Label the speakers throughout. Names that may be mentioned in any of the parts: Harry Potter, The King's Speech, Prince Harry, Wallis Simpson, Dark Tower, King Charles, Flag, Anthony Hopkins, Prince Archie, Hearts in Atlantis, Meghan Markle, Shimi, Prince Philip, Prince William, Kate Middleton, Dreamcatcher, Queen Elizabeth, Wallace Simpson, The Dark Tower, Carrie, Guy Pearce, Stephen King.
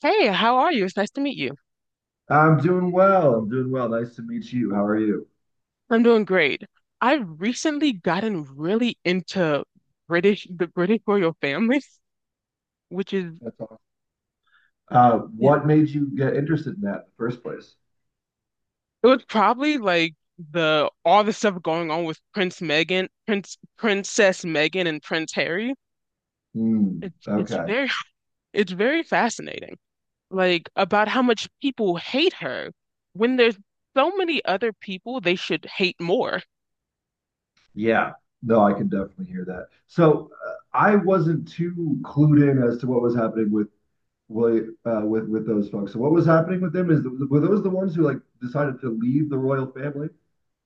Speaker 1: Hey, how are you? It's nice to meet you.
Speaker 2: I'm doing well. Nice to meet you. How are you?
Speaker 1: I'm doing great. I've recently gotten really into the British royal family, which is,
Speaker 2: That's awesome. Uh,
Speaker 1: Yeah.
Speaker 2: what made you get interested in that in the first place?
Speaker 1: it was probably like the all the stuff going on with Princess Meghan and Prince Harry.
Speaker 2: Hmm.
Speaker 1: It's
Speaker 2: Okay.
Speaker 1: very it's very fascinating. Like about how much people hate her when there's so many other people they should hate more.
Speaker 2: Yeah. No, I can definitely hear that. So I wasn't too clued in as to what was happening with William, with those folks. So what was happening with them were those the ones who like decided to leave the royal family?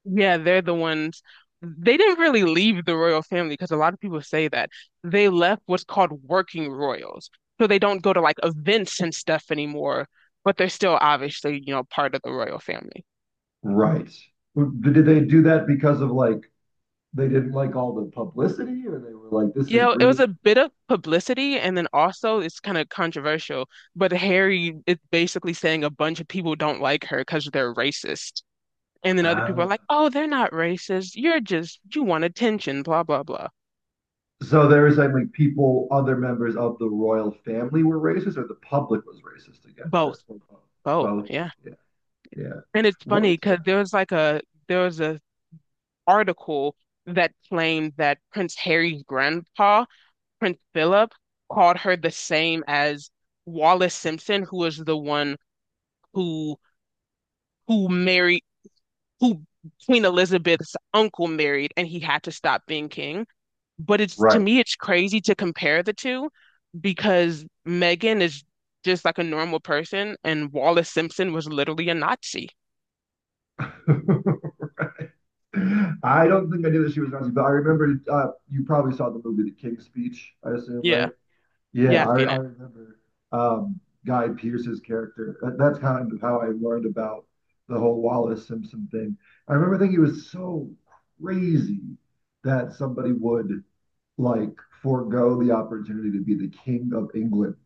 Speaker 1: Yeah, they're the ones. They didn't really leave the royal family because a lot of people say that. They left what's called working royals. So they don't go to like events and stuff anymore, but they're still obviously, part of the royal family.
Speaker 2: Right. Did they do that because of like they didn't like all the publicity, or they were like this is
Speaker 1: You
Speaker 2: a
Speaker 1: know, it was
Speaker 2: green?
Speaker 1: a bit of publicity, and then also it's kind of controversial, but Harry is basically saying a bunch of people don't like her because they're racist. And then other people are
Speaker 2: Ah.
Speaker 1: like, oh, they're not racist. You want attention, blah, blah, blah.
Speaker 2: So they were saying like people, other members of the royal family were racist, or the public was racist against her.
Speaker 1: Both,
Speaker 2: Or both.
Speaker 1: both,
Speaker 2: Both.
Speaker 1: yeah.
Speaker 2: Yeah. Yeah.
Speaker 1: And it's
Speaker 2: What
Speaker 1: funny
Speaker 2: is
Speaker 1: because
Speaker 2: her
Speaker 1: there was a article that claimed that Prince Harry's grandpa, Prince Philip, called her the same as Wallace Simpson, who was the one who who married who Queen Elizabeth's uncle married, and he had to stop being king. But it's to
Speaker 2: right?
Speaker 1: me, it's crazy to compare the two because Meghan is just like a normal person, and Wallace Simpson was literally a Nazi.
Speaker 2: I don't think I knew that she was Nazi, but I remember you probably saw the movie The King's Speech, I assume,
Speaker 1: Yeah,
Speaker 2: right? Yeah,
Speaker 1: yeah, I've
Speaker 2: I,
Speaker 1: seen
Speaker 2: I
Speaker 1: it.
Speaker 2: remember um, Guy Pearce's character. That's kind of how I learned about the whole Wallace Simpson thing. I remember thinking it was so crazy that somebody would like forego the opportunity to be the king of England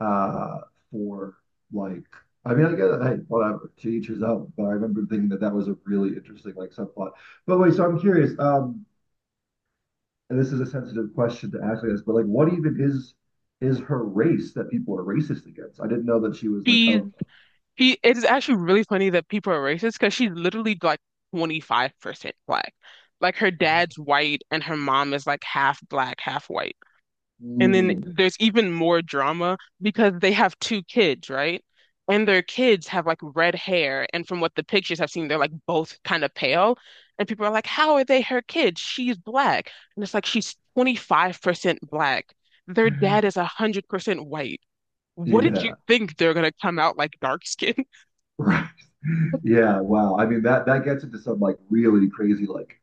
Speaker 2: uh, for like. I mean, I guess hey, whatever. To each his own. But I remember thinking that that was a really interesting like subplot. But wait, so I'm curious. And this is a sensitive question to ask, I guess. But like, what even is her race that people are racist against? I didn't know that she was like
Speaker 1: She's
Speaker 2: oh,
Speaker 1: She it is actually really funny that people are racist because she's literally like 25% black. Like her dad's white and her mom is like half black, half white. And then
Speaker 2: mm,
Speaker 1: there's even more drama because they have two kids, right? And their kids have like red hair. And from what the pictures I have seen, they're like both kind of pale. And people are like, how are they her kids? She's black. And it's like she's 25% black. Their dad is 100% white. What did you
Speaker 2: yeah,
Speaker 1: think they're gonna come out like dark skin?
Speaker 2: right, yeah. Wow. I mean, that that gets into some like really crazy like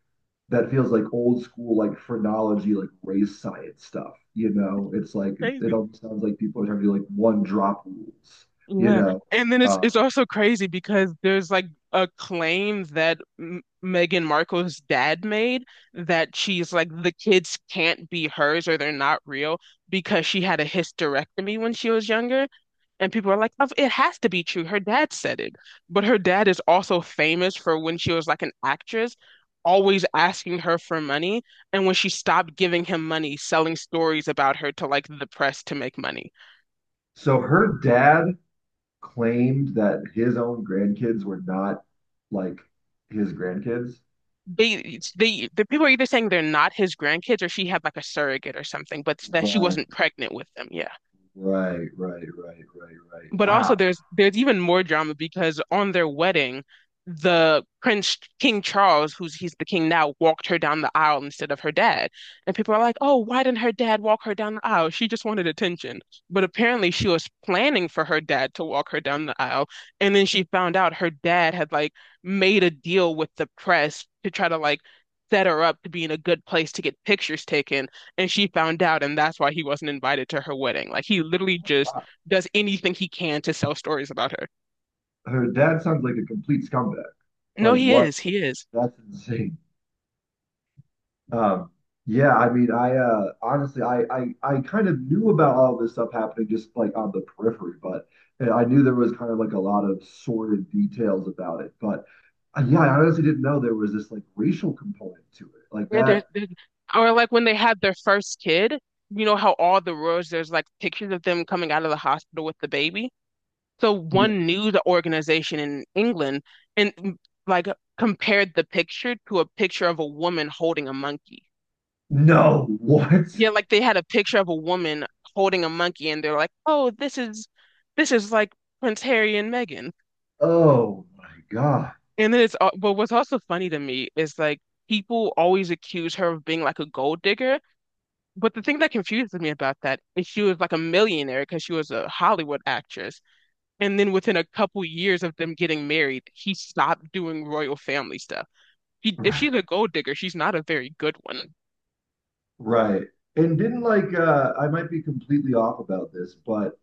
Speaker 2: that feels like old school, like phrenology, like race science stuff. You know, it's like it
Speaker 1: Crazy.
Speaker 2: almost sounds like people are trying to do like one drop rules. You
Speaker 1: Yeah.
Speaker 2: know,
Speaker 1: And then
Speaker 2: um,
Speaker 1: it's also crazy because there's like a claim that M Meghan Markle's dad made that she's like the kids can't be hers or they're not real because she had a hysterectomy when she was younger. And people are like, "Oh, it has to be true. Her dad said it." But her dad is also famous for, when she was like an actress, always asking her for money. And when she stopped giving him money, selling stories about her to like the press to make money.
Speaker 2: so her dad claimed that his own grandkids were not like his grandkids.
Speaker 1: The people are either saying they're not his grandkids or she had like a surrogate or something, but that she
Speaker 2: Right,
Speaker 1: wasn't pregnant with them. Yeah.
Speaker 2: right, right, right, right, right.
Speaker 1: But also
Speaker 2: Wow.
Speaker 1: there's even more drama because on their wedding, the Prince King Charles, who's he's the king now, walked her down the aisle instead of her dad. And people are like, "Oh, why didn't her dad walk her down the aisle? She just wanted attention." But apparently she was planning for her dad to walk her down the aisle, and then she found out her dad had like made a deal with the press to try to like set her up to be in a good place to get pictures taken, and she found out, and that's why he wasn't invited to her wedding. Like he literally
Speaker 2: Oh my
Speaker 1: just
Speaker 2: God.
Speaker 1: does anything he can to sell stories about her.
Speaker 2: Her dad sounds like a complete scumbag.
Speaker 1: No,
Speaker 2: Like
Speaker 1: he
Speaker 2: what?
Speaker 1: is. He is.
Speaker 2: That's insane. Um, yeah, I mean, I honestly, I kind of knew about all this stuff happening just like on the periphery, but and I knew there was kind of like a lot of sordid details about it. But yeah, I honestly didn't know there was this like racial component to it, like that.
Speaker 1: There's, or like when they had their first kid, you know how all the roads there's like pictures of them coming out of the hospital with the baby. So
Speaker 2: Yeah.
Speaker 1: one news organization in England and mm, like compared the picture to a picture of a woman holding a monkey.
Speaker 2: No, what?
Speaker 1: Yeah, like they had a picture of a woman holding a monkey and they're like, "Oh, this is like Prince Harry and Meghan."
Speaker 2: Oh my God.
Speaker 1: And then but what's also funny to me is like people always accuse her of being like a gold digger. But the thing that confuses me about that is she was like a millionaire because she was a Hollywood actress. And then within a couple years of them getting married, he stopped doing royal family stuff. If she's a gold digger, she's not a very good one.
Speaker 2: Right. And didn't like I might be completely off about this, but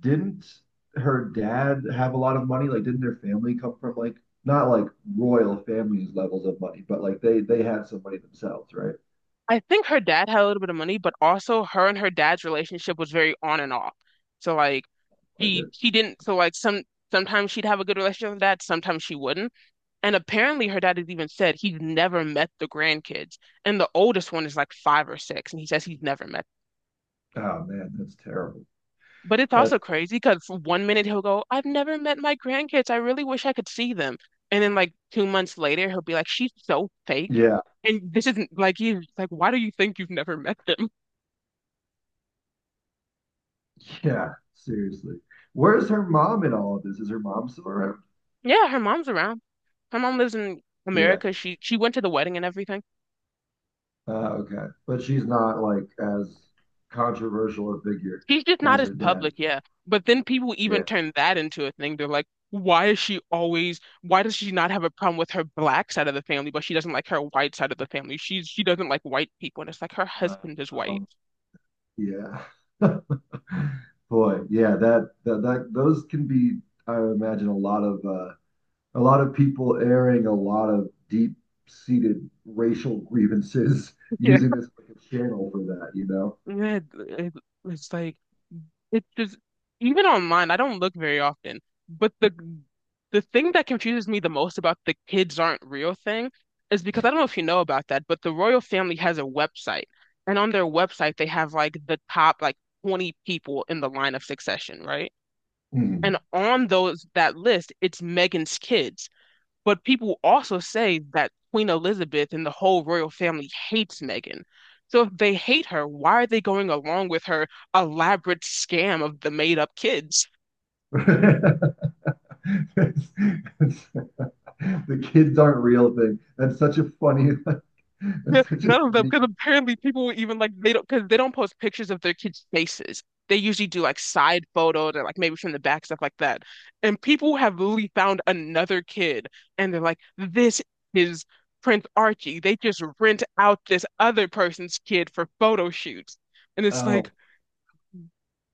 Speaker 2: didn't her dad have a lot of money? Like didn't their family come from like not like royal families levels of money, but like they had some money themselves, right?
Speaker 1: I think her dad had a little bit of money, but also her and her dad's relationship was very on and off. So like
Speaker 2: Like it,
Speaker 1: he didn't so like some sometimes she'd have a good relationship with her dad, sometimes she wouldn't. And apparently, her dad has even said he's never met the grandkids. And the oldest one is like five or six, and he says he's never met.
Speaker 2: oh man, that's terrible.
Speaker 1: But it's also
Speaker 2: That's
Speaker 1: crazy because for one minute he'll go, I've never met my grandkids. I really wish I could see them. And then, like, 2 months later, he'll be like, She's so fake.
Speaker 2: yeah.
Speaker 1: And this isn't like, he's like, Why do you think you've never met them?
Speaker 2: Yeah, seriously. Where's her mom in all of this? Is her mom still around?
Speaker 1: Yeah, her mom's around. Her mom lives in
Speaker 2: Yeah.
Speaker 1: America. She went to the wedding and everything.
Speaker 2: Uh, okay. But she's not like as controversial a figure
Speaker 1: He's just not
Speaker 2: as
Speaker 1: as
Speaker 2: her dad.
Speaker 1: public, yeah. But then people even
Speaker 2: Yeah.
Speaker 1: turn that into a thing. They're like, why does she not have a problem with her black side of the family, but she doesn't like her white side of the family? She doesn't like white people, and it's like her
Speaker 2: Uh,
Speaker 1: husband is white.
Speaker 2: oh yeah. Boy, yeah, that that that those can be, I imagine, a lot of people airing a lot of deep-seated racial grievances
Speaker 1: Yeah.
Speaker 2: using this like a channel for that, you know?
Speaker 1: Yeah, it- it's like It's just Even online, I don't look very often. But the thing that confuses me the most about the kids aren't real thing is because I don't know if you know about that, but the royal family has a website. And on their website they have like the top like 20 people in the line of succession, right? And
Speaker 2: Mhm.
Speaker 1: on those that list, it's Meghan's kids. But people also say that Queen Elizabeth and the whole royal family hates Meghan. So if they hate her, why are they going along with her elaborate scam of the made-up kids?
Speaker 2: It's- it's- the kids aren't real thing. That's such a funny, that's such a
Speaker 1: None of them,
Speaker 2: funny.
Speaker 1: because apparently people even like they don't, because they don't post pictures of their kids' faces. They usually do like side photos and like maybe from the back, stuff like that. And people have literally found another kid and they're like, this is Prince Archie. They just rent out this other person's kid for photo shoots. And it's like,
Speaker 2: Oh,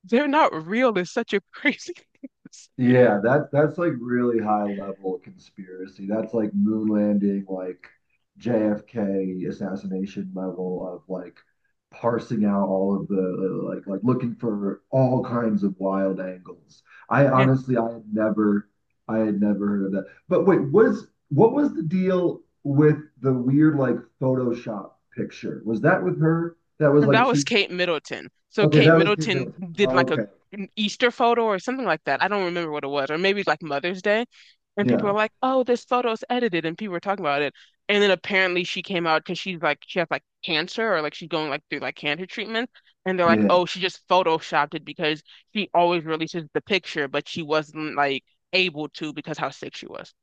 Speaker 1: they're not real. It's such a crazy thing to say.
Speaker 2: yeah, that that's like really high level conspiracy. That's like moon landing, like JFK assassination level of like parsing out all of the like looking for all kinds of wild angles. I
Speaker 1: Yeah.
Speaker 2: honestly I had never I had never heard of that. But wait, was what was the deal with the weird like Photoshop picture? Was that with her? That was
Speaker 1: And
Speaker 2: like
Speaker 1: that was
Speaker 2: two.
Speaker 1: Kate Middleton. So
Speaker 2: Okay,
Speaker 1: Kate
Speaker 2: that was Kate
Speaker 1: Middleton
Speaker 2: Middleton.
Speaker 1: did like a
Speaker 2: Okay.
Speaker 1: an Easter photo or something like that. I don't remember what it was, or maybe like Mother's Day. And people
Speaker 2: Yeah.
Speaker 1: were like, "Oh, this photo's edited," and people were talking about it. And then apparently she came out because she has like cancer or like she's going like through like cancer treatment. And they're like,
Speaker 2: Yeah.
Speaker 1: "Oh, she just photoshopped it because she always releases the picture, but she wasn't like able to because how sick she was."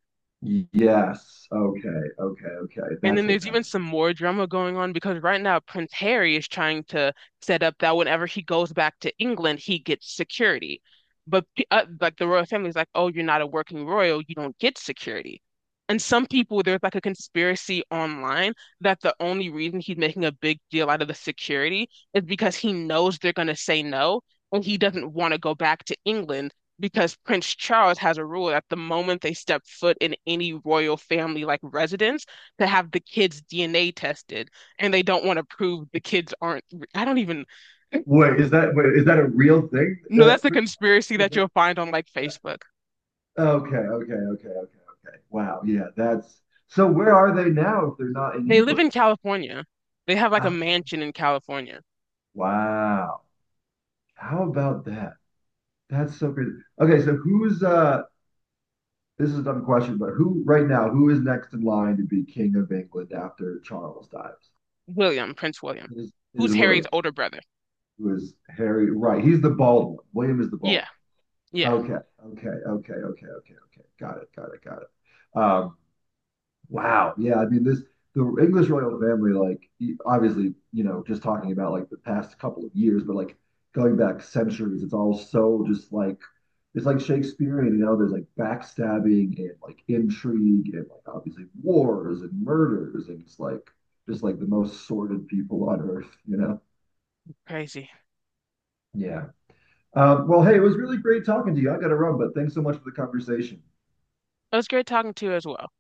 Speaker 2: Yes. Okay. Okay. Okay.
Speaker 1: And then
Speaker 2: That's what
Speaker 1: there's
Speaker 2: that
Speaker 1: even
Speaker 2: was.
Speaker 1: some more drama going on because right now Prince Harry is trying to set up that whenever he goes back to England, he gets security. But like the royal family is like, oh, you're not a working royal, you don't get security. And some people, there's like a conspiracy online that the only reason he's making a big deal out of the security is because he knows they're going to say no, and he doesn't want to go back to England because Prince Charles has a rule that the moment they step foot in any royal family like residence, to have the kids' DNA tested, and they don't want to prove the kids aren't. I don't even.
Speaker 2: Wait, is that a real thing?
Speaker 1: No,
Speaker 2: That,
Speaker 1: that's a conspiracy
Speaker 2: that,
Speaker 1: that you'll find on like
Speaker 2: that-
Speaker 1: Facebook.
Speaker 2: okay. Okay. Okay. Okay. Okay. Wow. Yeah. That's so. Where are they now if they're not in
Speaker 1: They live
Speaker 2: England?
Speaker 1: in California. They have like a
Speaker 2: Ah,
Speaker 1: mansion in California.
Speaker 2: wow. How about that? That's so crazy. Okay. So who's uh? This is a dumb question, but who right now? Who is next in line to be king of England after Charles dies?
Speaker 1: William, Prince William,
Speaker 2: It is
Speaker 1: who's Harry's
Speaker 2: William,
Speaker 1: older brother.
Speaker 2: who is Harry. Right. He's the bald one. William is the bald
Speaker 1: Yeah,
Speaker 2: one.
Speaker 1: yeah,
Speaker 2: Okay. Okay. Okay. Okay. Okay. Okay. Got it. Got it. Got it. Um, wow. Yeah. I mean, this, the English royal family, like, y- obviously, you know, just talking about like the past couple of years, but like going back centuries, it's all so just like, it's like Shakespearean, you know, there's like backstabbing and like intrigue and like obviously wars and murders. And it's like, just like the most sordid people on earth, you know?
Speaker 1: crazy.
Speaker 2: Yeah. Well, hey, it was really great talking to you. I got to run, but thanks so much for the conversation.
Speaker 1: It was great talking to you as well.